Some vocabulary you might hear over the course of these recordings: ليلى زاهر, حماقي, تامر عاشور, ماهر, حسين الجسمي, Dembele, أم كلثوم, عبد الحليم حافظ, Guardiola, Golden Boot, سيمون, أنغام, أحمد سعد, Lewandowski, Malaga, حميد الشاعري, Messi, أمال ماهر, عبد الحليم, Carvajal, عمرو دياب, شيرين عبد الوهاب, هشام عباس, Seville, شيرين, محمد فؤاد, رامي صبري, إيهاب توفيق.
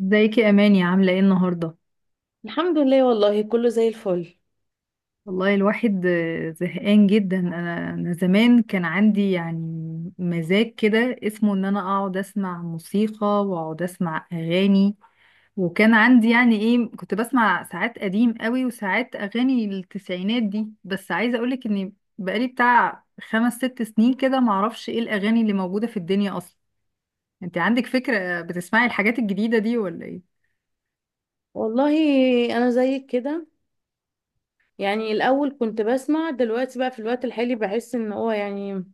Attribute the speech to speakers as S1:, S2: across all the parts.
S1: ازيك يا اماني، عامله ايه النهارده؟
S2: الحمد لله، والله كله زي الفل.
S1: والله الواحد زهقان جدا. انا زمان كان عندي يعني مزاج كده اسمه ان انا اقعد اسمع موسيقى واقعد اسمع اغاني. وكان عندي يعني ايه، كنت بسمع ساعات قديم قوي وساعات اغاني التسعينات دي. بس عايزه اقولك اني بقالي بتاع 5 6 سنين كده معرفش ايه الاغاني اللي موجوده في الدنيا اصلا. انت عندك فكره، بتسمعي الحاجات الجديده دي ولا ايه؟
S2: والله، انا زيك كده. يعني الاول كنت بسمع، دلوقتي بقى في الوقت الحالي بحس ان هو يعني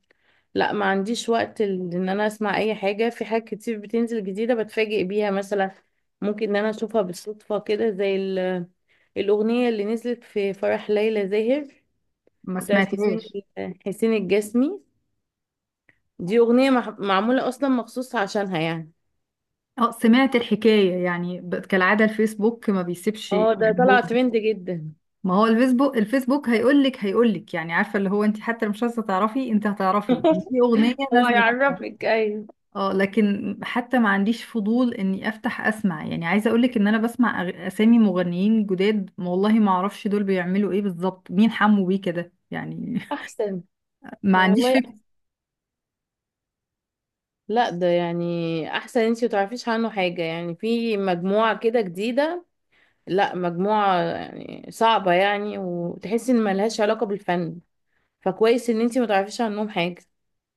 S2: لا، ما عنديش وقت ان انا اسمع اي حاجة. في حاجات كتير بتنزل جديدة بتفاجئ بيها مثلا، ممكن ان انا اشوفها بالصدفة كده زي الاغنية اللي نزلت في فرح ليلى زاهر
S1: ما
S2: بتاعت
S1: سمعتهاش.
S2: حسين الجسمي. دي اغنية معمولة اصلا مخصوص عشانها يعني.
S1: اه، سمعت الحكاية، يعني كالعادة الفيسبوك ما بيسيبش،
S2: اه، ده
S1: يعني هو.
S2: طلع ترند جدا.
S1: ما هو الفيسبوك، هيقولك يعني، عارفة اللي هو انت حتى مش عايزة تعرفي، انت هتعرفي إن في أغنية
S2: هو
S1: نازلة.
S2: يعرفك، ايوه.
S1: اه، لكن حتى ما عنديش فضول اني افتح اسمع، يعني عايزة اقولك ان انا بسمع اسامي مغنيين جداد، ما والله ما اعرفش دول بيعملوا ايه بالظبط. مين حمو بيه كده يعني؟
S2: احسن.
S1: ما عنديش.
S2: والله. لا، ده يعني احسن انتي متعرفيش عنه حاجة، يعني في مجموعة كده جديدة. لا مجموعة يعني صعبة يعني، وتحسي ان ملهاش علاقة بالفن. فكويس ان انتي متعرفيش عنهم حاجة.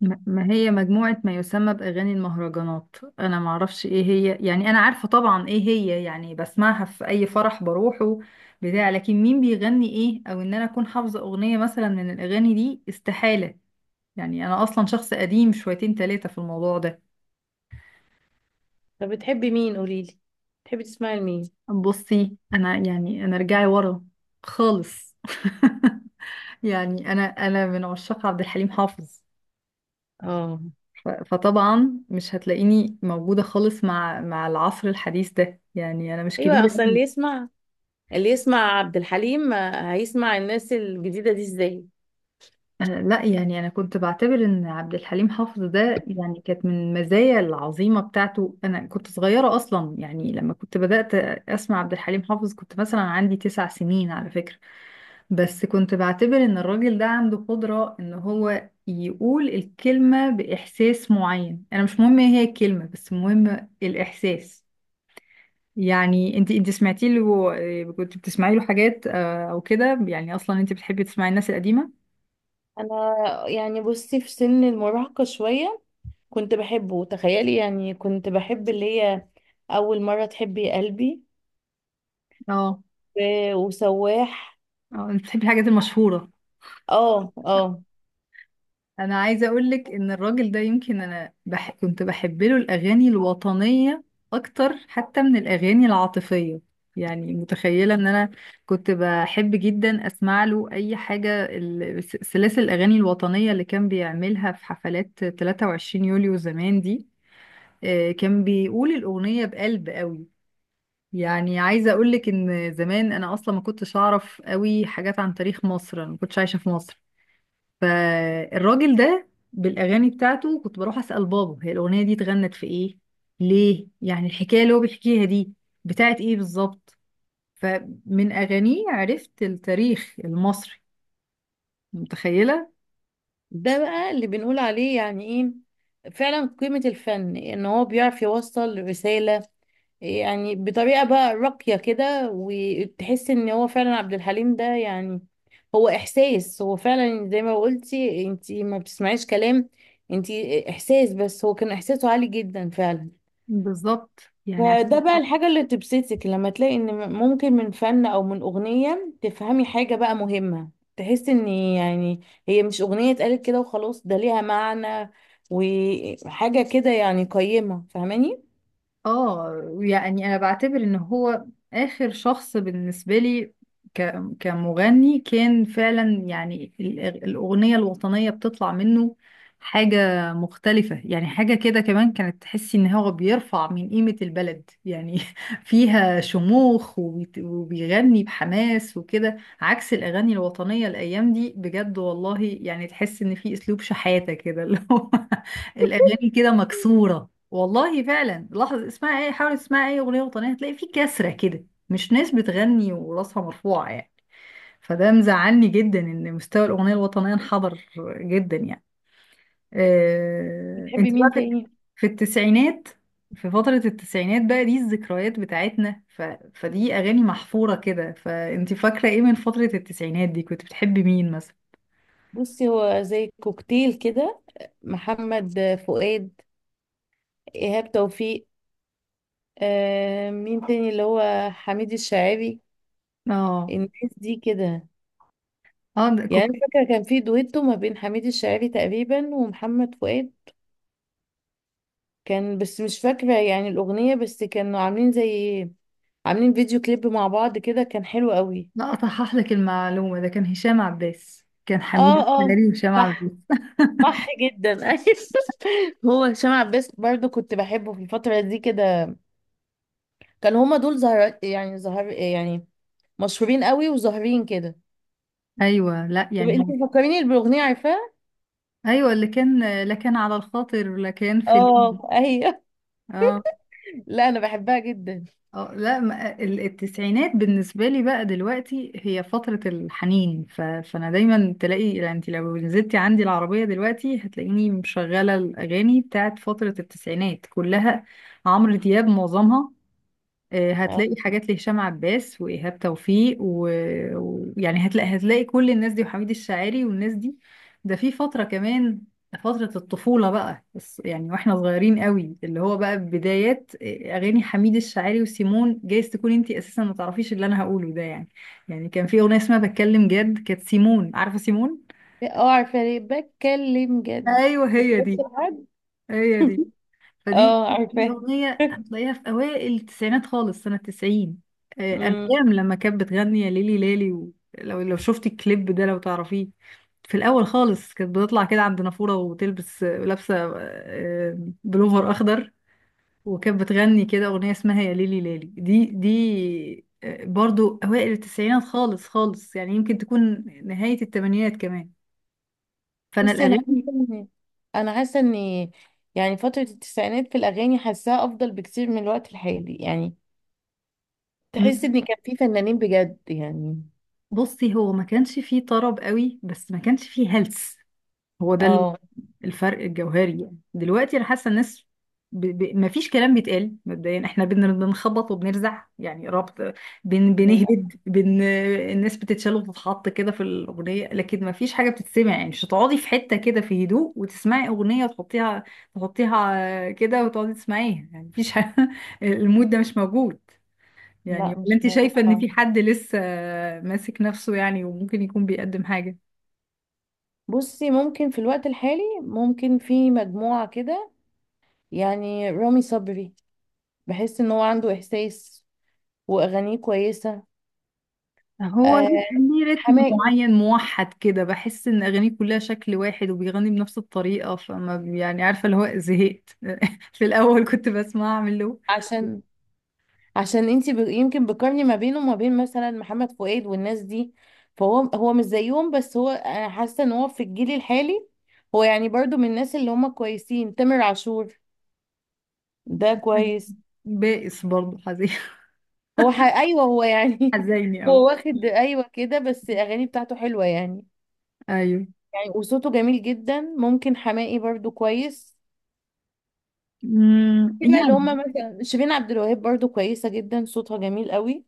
S1: ما هي مجموعة ما يسمى بأغاني المهرجانات، أنا معرفش إيه هي يعني. أنا عارفة طبعا إيه هي، يعني بسمعها في أي فرح بروحه بتاع، لكن مين بيغني إيه، أو إن أنا أكون حافظة أغنية مثلا من الأغاني دي، استحالة. يعني أنا أصلا شخص قديم شويتين تلاتة في الموضوع ده.
S2: طب بتحبي مين؟ قوليلي، بتحبي تسمعي لمين؟
S1: بصي، أنا يعني أنا رجعي ورا خالص. يعني أنا من عشاق عبد الحليم حافظ.
S2: اه،
S1: فطبعا مش هتلاقيني موجودة خالص مع العصر الحديث ده، يعني أنا مش
S2: ايوه.
S1: كبيرة
S2: اصلا اللي
S1: أوي.
S2: يسمع اللي يسمع عبد الحليم، هيسمع الناس الجديدة دي ازاي؟
S1: أنا لا، يعني أنا كنت بعتبر إن عبد الحليم حافظ ده يعني كانت من المزايا العظيمة بتاعته. أنا كنت صغيرة أصلا يعني، لما كنت بدأت أسمع عبد الحليم حافظ كنت مثلا عندي 9 سنين على فكرة. بس كنت بعتبر إن الراجل ده عنده قدرة إن هو يقول الكلمة بإحساس معين. أنا مش مهم إيه هي الكلمة، بس مهم الإحساس. يعني انت سمعتي له كنت بتسمعي له حاجات او كده؟ يعني اصلا انت بتحبي تسمعي الناس القديمه؟
S2: انا، يعني، بصي، في سن المراهقة شوية كنت بحبه. تخيلي، يعني كنت بحب اللي هي اول مرة تحبي يا قلبي،
S1: اه،
S2: وسواح.
S1: اه. انت بتحبي الحاجات المشهوره.
S2: اه، اه.
S1: انا عايزه اقول لك ان الراجل ده يمكن كنت بحب له الاغاني الوطنيه اكتر حتى من الاغاني العاطفيه. يعني متخيله ان انا كنت بحب جدا اسمع له اي حاجه، سلاسل الاغاني الوطنيه اللي كان بيعملها في حفلات 23 يوليو زمان دي. كان بيقول الاغنيه بقلب قوي. يعني عايزة أقولك إن زمان أنا أصلا ما كنتش أعرف قوي حاجات عن تاريخ مصر، أنا ما كنتش عايشة في مصر. فالراجل ده بالأغاني بتاعته كنت بروح أسأل بابا، هي الأغنية دي اتغنت في إيه؟ ليه؟ يعني الحكاية اللي هو بيحكيها دي بتاعت إيه بالظبط؟ فمن أغانيه عرفت التاريخ المصري. متخيلة؟
S2: ده بقى اللي بنقول عليه، يعني ايه فعلا قيمة الفن ان هو بيعرف يوصل رسالة، يعني بطريقة بقى راقية كده، وتحس ان هو فعلا عبد الحليم ده. يعني هو احساس، هو فعلا زي ما قلتي انتي، ما بتسمعيش كلام، انتي احساس، بس هو كان احساسه عالي جدا فعلا.
S1: بالظبط، يعني
S2: فده
S1: عشان.
S2: بقى الحاجة اللي تبسطك لما تلاقي ان ممكن من فن او من اغنية تفهمي حاجة بقى مهمة. تحس ان، يعني، هي مش اغنية اتقالت كده وخلاص، ده ليها معنى وحاجة كده، يعني قيمة، فاهماني؟
S1: اه، يعني انا بعتبر ان هو اخر شخص بالنسبه لي ك... كمغني. كان فعلا يعني الاغنيه الوطنيه بتطلع منه حاجه مختلفه، يعني حاجه كده كمان كانت تحسي ان هو بيرفع من قيمه البلد يعني. فيها شموخ، وبيغني بحماس وكده، عكس الاغاني الوطنيه الايام دي، بجد والله. يعني تحس ان في اسلوب شحاته كده اللي هو الاغاني كده مكسوره. والله فعلا، لحظة، اسمعي ايه، حاول تسمعي اي اغنية وطنية هتلاقي في كسرة كده، مش ناس بتغني وراسها مرفوعة يعني. فده مزعلني جدا ان مستوى الاغنية الوطنية انحدر جدا يعني. انت
S2: بتحبي
S1: بقى
S2: مين
S1: في،
S2: تاني؟
S1: في التسعينات، في فترة التسعينات بقى دي الذكريات بتاعتنا، فدي اغاني محفورة كده. فانت فاكرة ايه من فترة التسعينات دي، كنت بتحبي مين مثلا؟
S2: بصي، هو زي كوكتيل كده، محمد فؤاد، ايهاب توفيق، مين تاني، اللي هو حميد الشاعري،
S1: اه،
S2: الناس دي كده.
S1: اه. ده
S2: يعني
S1: كنت
S2: أنا فاكرة كان في دويتو ما بين حميد الشاعري تقريبا ومحمد فؤاد، كان، بس مش فاكرة يعني الأغنية، بس كانوا عاملين زي فيديو كليب مع بعض كده، كان حلو قوي.
S1: لا، اصحح لك المعلومة، ده كان هشام عباس، كان
S2: اه،
S1: حميد
S2: اه،
S1: الشاعري وهشام عباس.
S2: صح. صح جدا. ايوه، هو هشام عباس برضو كنت بحبه في الفترة دي كده. كان هما دول زهر، يعني زهر يعني مشهورين قوي وظاهرين كده.
S1: ايوه، لا
S2: طب
S1: يعني
S2: انت
S1: هو.
S2: فكريني بالأغنية، عارفاها؟
S1: ايوه اللي كان، لا، كان على الخاطر، لا، كان في.
S2: اه، ايوه.
S1: اه،
S2: لا انا بحبها جدا.
S1: اه. لا، التسعينات بالنسبه لي بقى دلوقتي هي فتره الحنين. فانا دايما تلاقي يعني، انت لو نزلتي عندي العربيه دلوقتي هتلاقيني مشغله الاغاني بتاعت فتره التسعينات كلها، عمرو دياب معظمها.
S2: اه،
S1: هتلاقي حاجات لهشام عباس وإيهاب توفيق ويعني ويعني هتلاقي، كل الناس دي، وحميد الشاعري والناس دي. ده في فترة كمان، فترة الطفولة بقى، بس يعني واحنا صغيرين قوي، اللي هو بقى بدايات أغاني حميد الشاعري وسيمون. جايز تكون انتي أساسا ما تعرفيش اللي أنا هقوله ده يعني. يعني كان في أغنية اسمها بتكلم جد، كانت سيمون، عارفة سيمون؟
S2: عارفاها. ليه بتكلم جد؟
S1: أيوه هي
S2: بتبص
S1: دي،
S2: لحد.
S1: هي دي، فدي
S2: اه، عارفاها.
S1: أغنية هتلاقيها في أوائل التسعينات خالص سنة 90.
S2: أمم.
S1: أنغام لما كانت بتغني يا ليلي لالي، لو شفتي الكليب ده، لو تعرفيه. في الأول خالص كانت بتطلع كده عند نافورة وتلبس لابسة بلوفر أخضر، وكانت بتغني كده أغنية اسمها يا ليلي لالي. دي برضو أوائل التسعينات خالص يعني، يمكن تكون نهاية التمانينات كمان. فأنا
S2: بصي، انا حاسه
S1: الأغاني
S2: ان انا حاسه ان يعني فتره التسعينات في الاغاني حاساها افضل بكتير من الوقت الحالي، يعني تحس
S1: م-
S2: ان كان في فنانين بجد يعني.
S1: بصي، هو ما كانش فيه طرب قوي بس ما كانش فيه هلس. هو ده
S2: اه.
S1: الفرق الجوهري، يعني دلوقتي انا حاسه الناس ما فيش كلام بيتقال. مبدئيا احنا بنخبط وبنرزع يعني ربط،
S2: للأ-
S1: بنهبد الناس بتتشال وتتحط كده في الاغنيه، لكن ما فيش حاجه بتتسمع. يعني مش هتقعدي في حته كده في هدوء وتسمعي اغنيه وتحطيها، كده وتقعدي تسمعيها، يعني مفيش حاجة. المود ده مش موجود يعني.
S2: لا،
S1: ولا
S2: مش
S1: انت
S2: موجود
S1: شايفه ان
S2: خالص.
S1: في حد لسه ماسك نفسه يعني وممكن يكون بيقدم حاجه؟
S2: بصي، ممكن في الوقت الحالي ممكن في مجموعه كده، يعني رامي صبري، بحس ان هو عنده احساس واغانيه كويسه.
S1: هو
S2: آه،
S1: ليه رتم
S2: حماقي.
S1: معين موحد كده، بحس ان اغانيه كلها شكل واحد وبيغني بنفس الطريقه، يعني عارفه اللي هو، زهقت. في الاول كنت بسمع، اعمل له
S2: عشان عشان انتي يمكن بتقارني ما بينه وما بين مثلا محمد فؤاد والناس دي. فهو مش زيهم، بس هو انا حاسه ان هو في الجيل الحالي، هو يعني برضو من الناس اللي هم كويسين. تامر عاشور ده
S1: حاجة.
S2: كويس.
S1: بائس برضه، حزين.
S2: ايوه، هو يعني
S1: حزيني قوي.
S2: هو واخد ايوه كده، بس الاغاني بتاعته حلوه يعني.
S1: ايوه.
S2: يعني وصوته جميل جدا. ممكن حماقي برضو كويس.
S1: أمم،
S2: في بقى اللي
S1: يعني.
S2: هم مثلا شيرين عبد الوهاب برضو كويسه جدا، صوتها جميل قوي.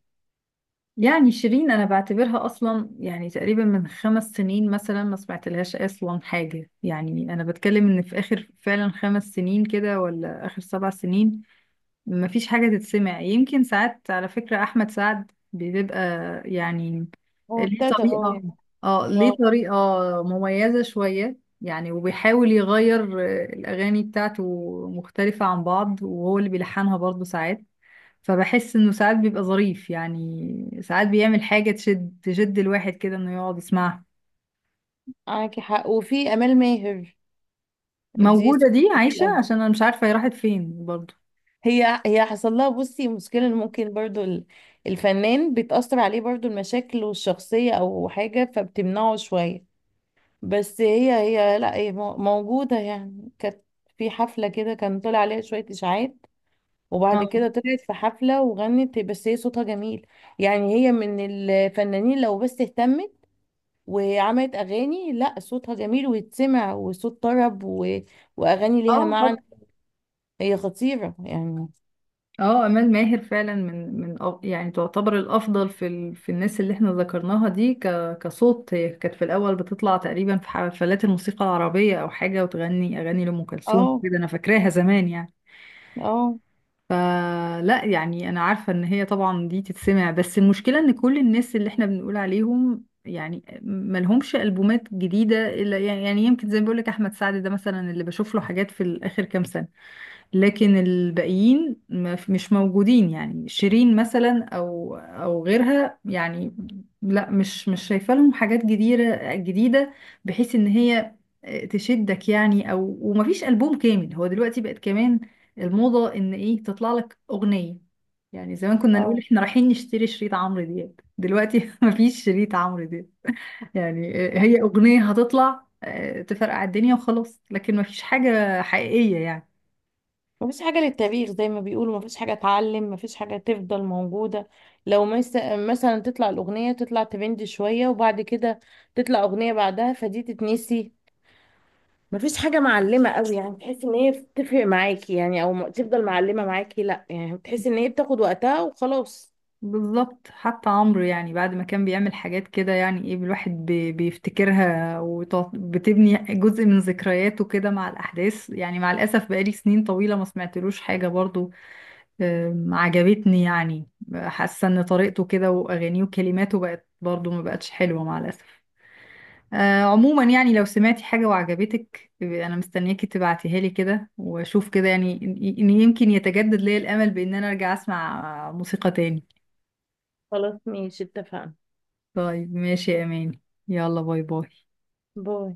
S1: يعني شيرين انا بعتبرها اصلا يعني تقريبا من 5 سنين مثلا ما سمعت لهاش اصلا حاجه، يعني انا بتكلم ان في اخر فعلا 5 سنين كده، ولا اخر 7 سنين مفيش حاجة تتسمع. يمكن ساعات على فكرة أحمد سعد بيبقى يعني
S2: هو
S1: ليه
S2: ابتدى، اه،
S1: طريقة.
S2: يعني.
S1: اه، ليه
S2: اه،
S1: طريقة مميزة شوية يعني، وبيحاول يغير الأغاني بتاعته مختلفة عن بعض، وهو اللي بيلحنها برضه ساعات. فبحس إنه ساعات بيبقى ظريف يعني، ساعات بيعمل حاجة تشد، الواحد كده إنه يقعد يسمعها.
S2: معاكي حق. وفي امال ماهر، دي
S1: موجودة،
S2: سوبر
S1: دي
S2: جميل
S1: عايشة،
S2: قوي.
S1: عشان أنا مش عارفة هي راحت فين برضه.
S2: هي حصل لها، بصي، مشكلة إن ممكن برضو الفنان بتأثر عليه برضو المشاكل الشخصية أو حاجة، فبتمنعه شوية. بس هي لا هي موجودة، يعني كانت في حفلة كده، كان طلع عليها شوية إشاعات، وبعد
S1: اه،
S2: كده طلعت في حفلة وغنت. بس هي صوتها جميل، يعني هي من الفنانين لو بس اهتمت وعملت أغاني، لا صوتها جميل ويتسمع وصوت طرب، وأغاني ليها
S1: اه،
S2: معنى. هي خطيرة يعني.
S1: اه. امال ماهر فعلا من يعني تعتبر الافضل في في الناس اللي احنا ذكرناها دي كصوت. هي كانت في الاول بتطلع تقريبا في حفلات الموسيقى العربيه او حاجه، وتغني اغاني لام كلثوم
S2: اه،
S1: كده، انا فاكراها زمان يعني.
S2: اه،
S1: فلا يعني، انا عارفه ان هي طبعا دي تتسمع، بس المشكله ان كل الناس اللي احنا بنقول عليهم يعني ملهمش البومات جديده، الا يعني، يعني يمكن زي ما بقول لك احمد سعد ده مثلا اللي بشوف له حاجات في الاخر كام سنه. لكن الباقيين ما ف- مش موجودين، يعني شيرين مثلا او، او غيرها يعني. لا، مش شايفه لهم حاجات جديده جديده، بحيث ان هي تشدك يعني، او ومفيش البوم كامل. هو دلوقتي بقت كمان الموضه ان ايه، تطلع لك اغنيه، يعني زمان كنا نقول
S2: اه.
S1: احنا رايحين نشتري شريط عمرو دياب، دلوقتي مفيش شريط عمرو دياب. يعني هي اغنيه هتطلع تفرقع الدنيا وخلاص، لكن مفيش حاجه حقيقيه يعني.
S2: مفيش حاجة للتاريخ زي ما بيقولوا، مفيش حاجة اتعلم، مفيش حاجة تفضل موجودة. لو مس- مثلا تطلع الأغنية، تطلع ترند شوية وبعد كده تطلع أغنية بعدها، فدي تتنسي. مفيش حاجة معلمة قوي، يعني تحس ان هي بتفرق معاكي، يعني او تفضل معلمة معاكي. لا يعني بتحس ان هي بتاخد وقتها وخلاص.
S1: بالظبط، حتى عمرو يعني بعد ما كان بيعمل حاجات كده يعني ايه، الواحد بيفتكرها وبتبني جزء من ذكرياته كده مع الأحداث، يعني مع الأسف بقالي سنين طويلة ما سمعتلوش حاجة برضو عجبتني يعني. حاسة ان طريقته كده وأغانيه وكلماته بقت برضو ما بقتش حلوة مع الأسف. عموما يعني لو سمعتي حاجة وعجبتك أنا مستنياكي تبعتيها لي كده وأشوف كده، يعني إن يمكن يتجدد لي الأمل بإن أنا أرجع أسمع موسيقى تاني.
S2: خلاص، ماشي، اتفقنا.
S1: طيب ماشي يا أماني، يلا باي باي.
S2: باي.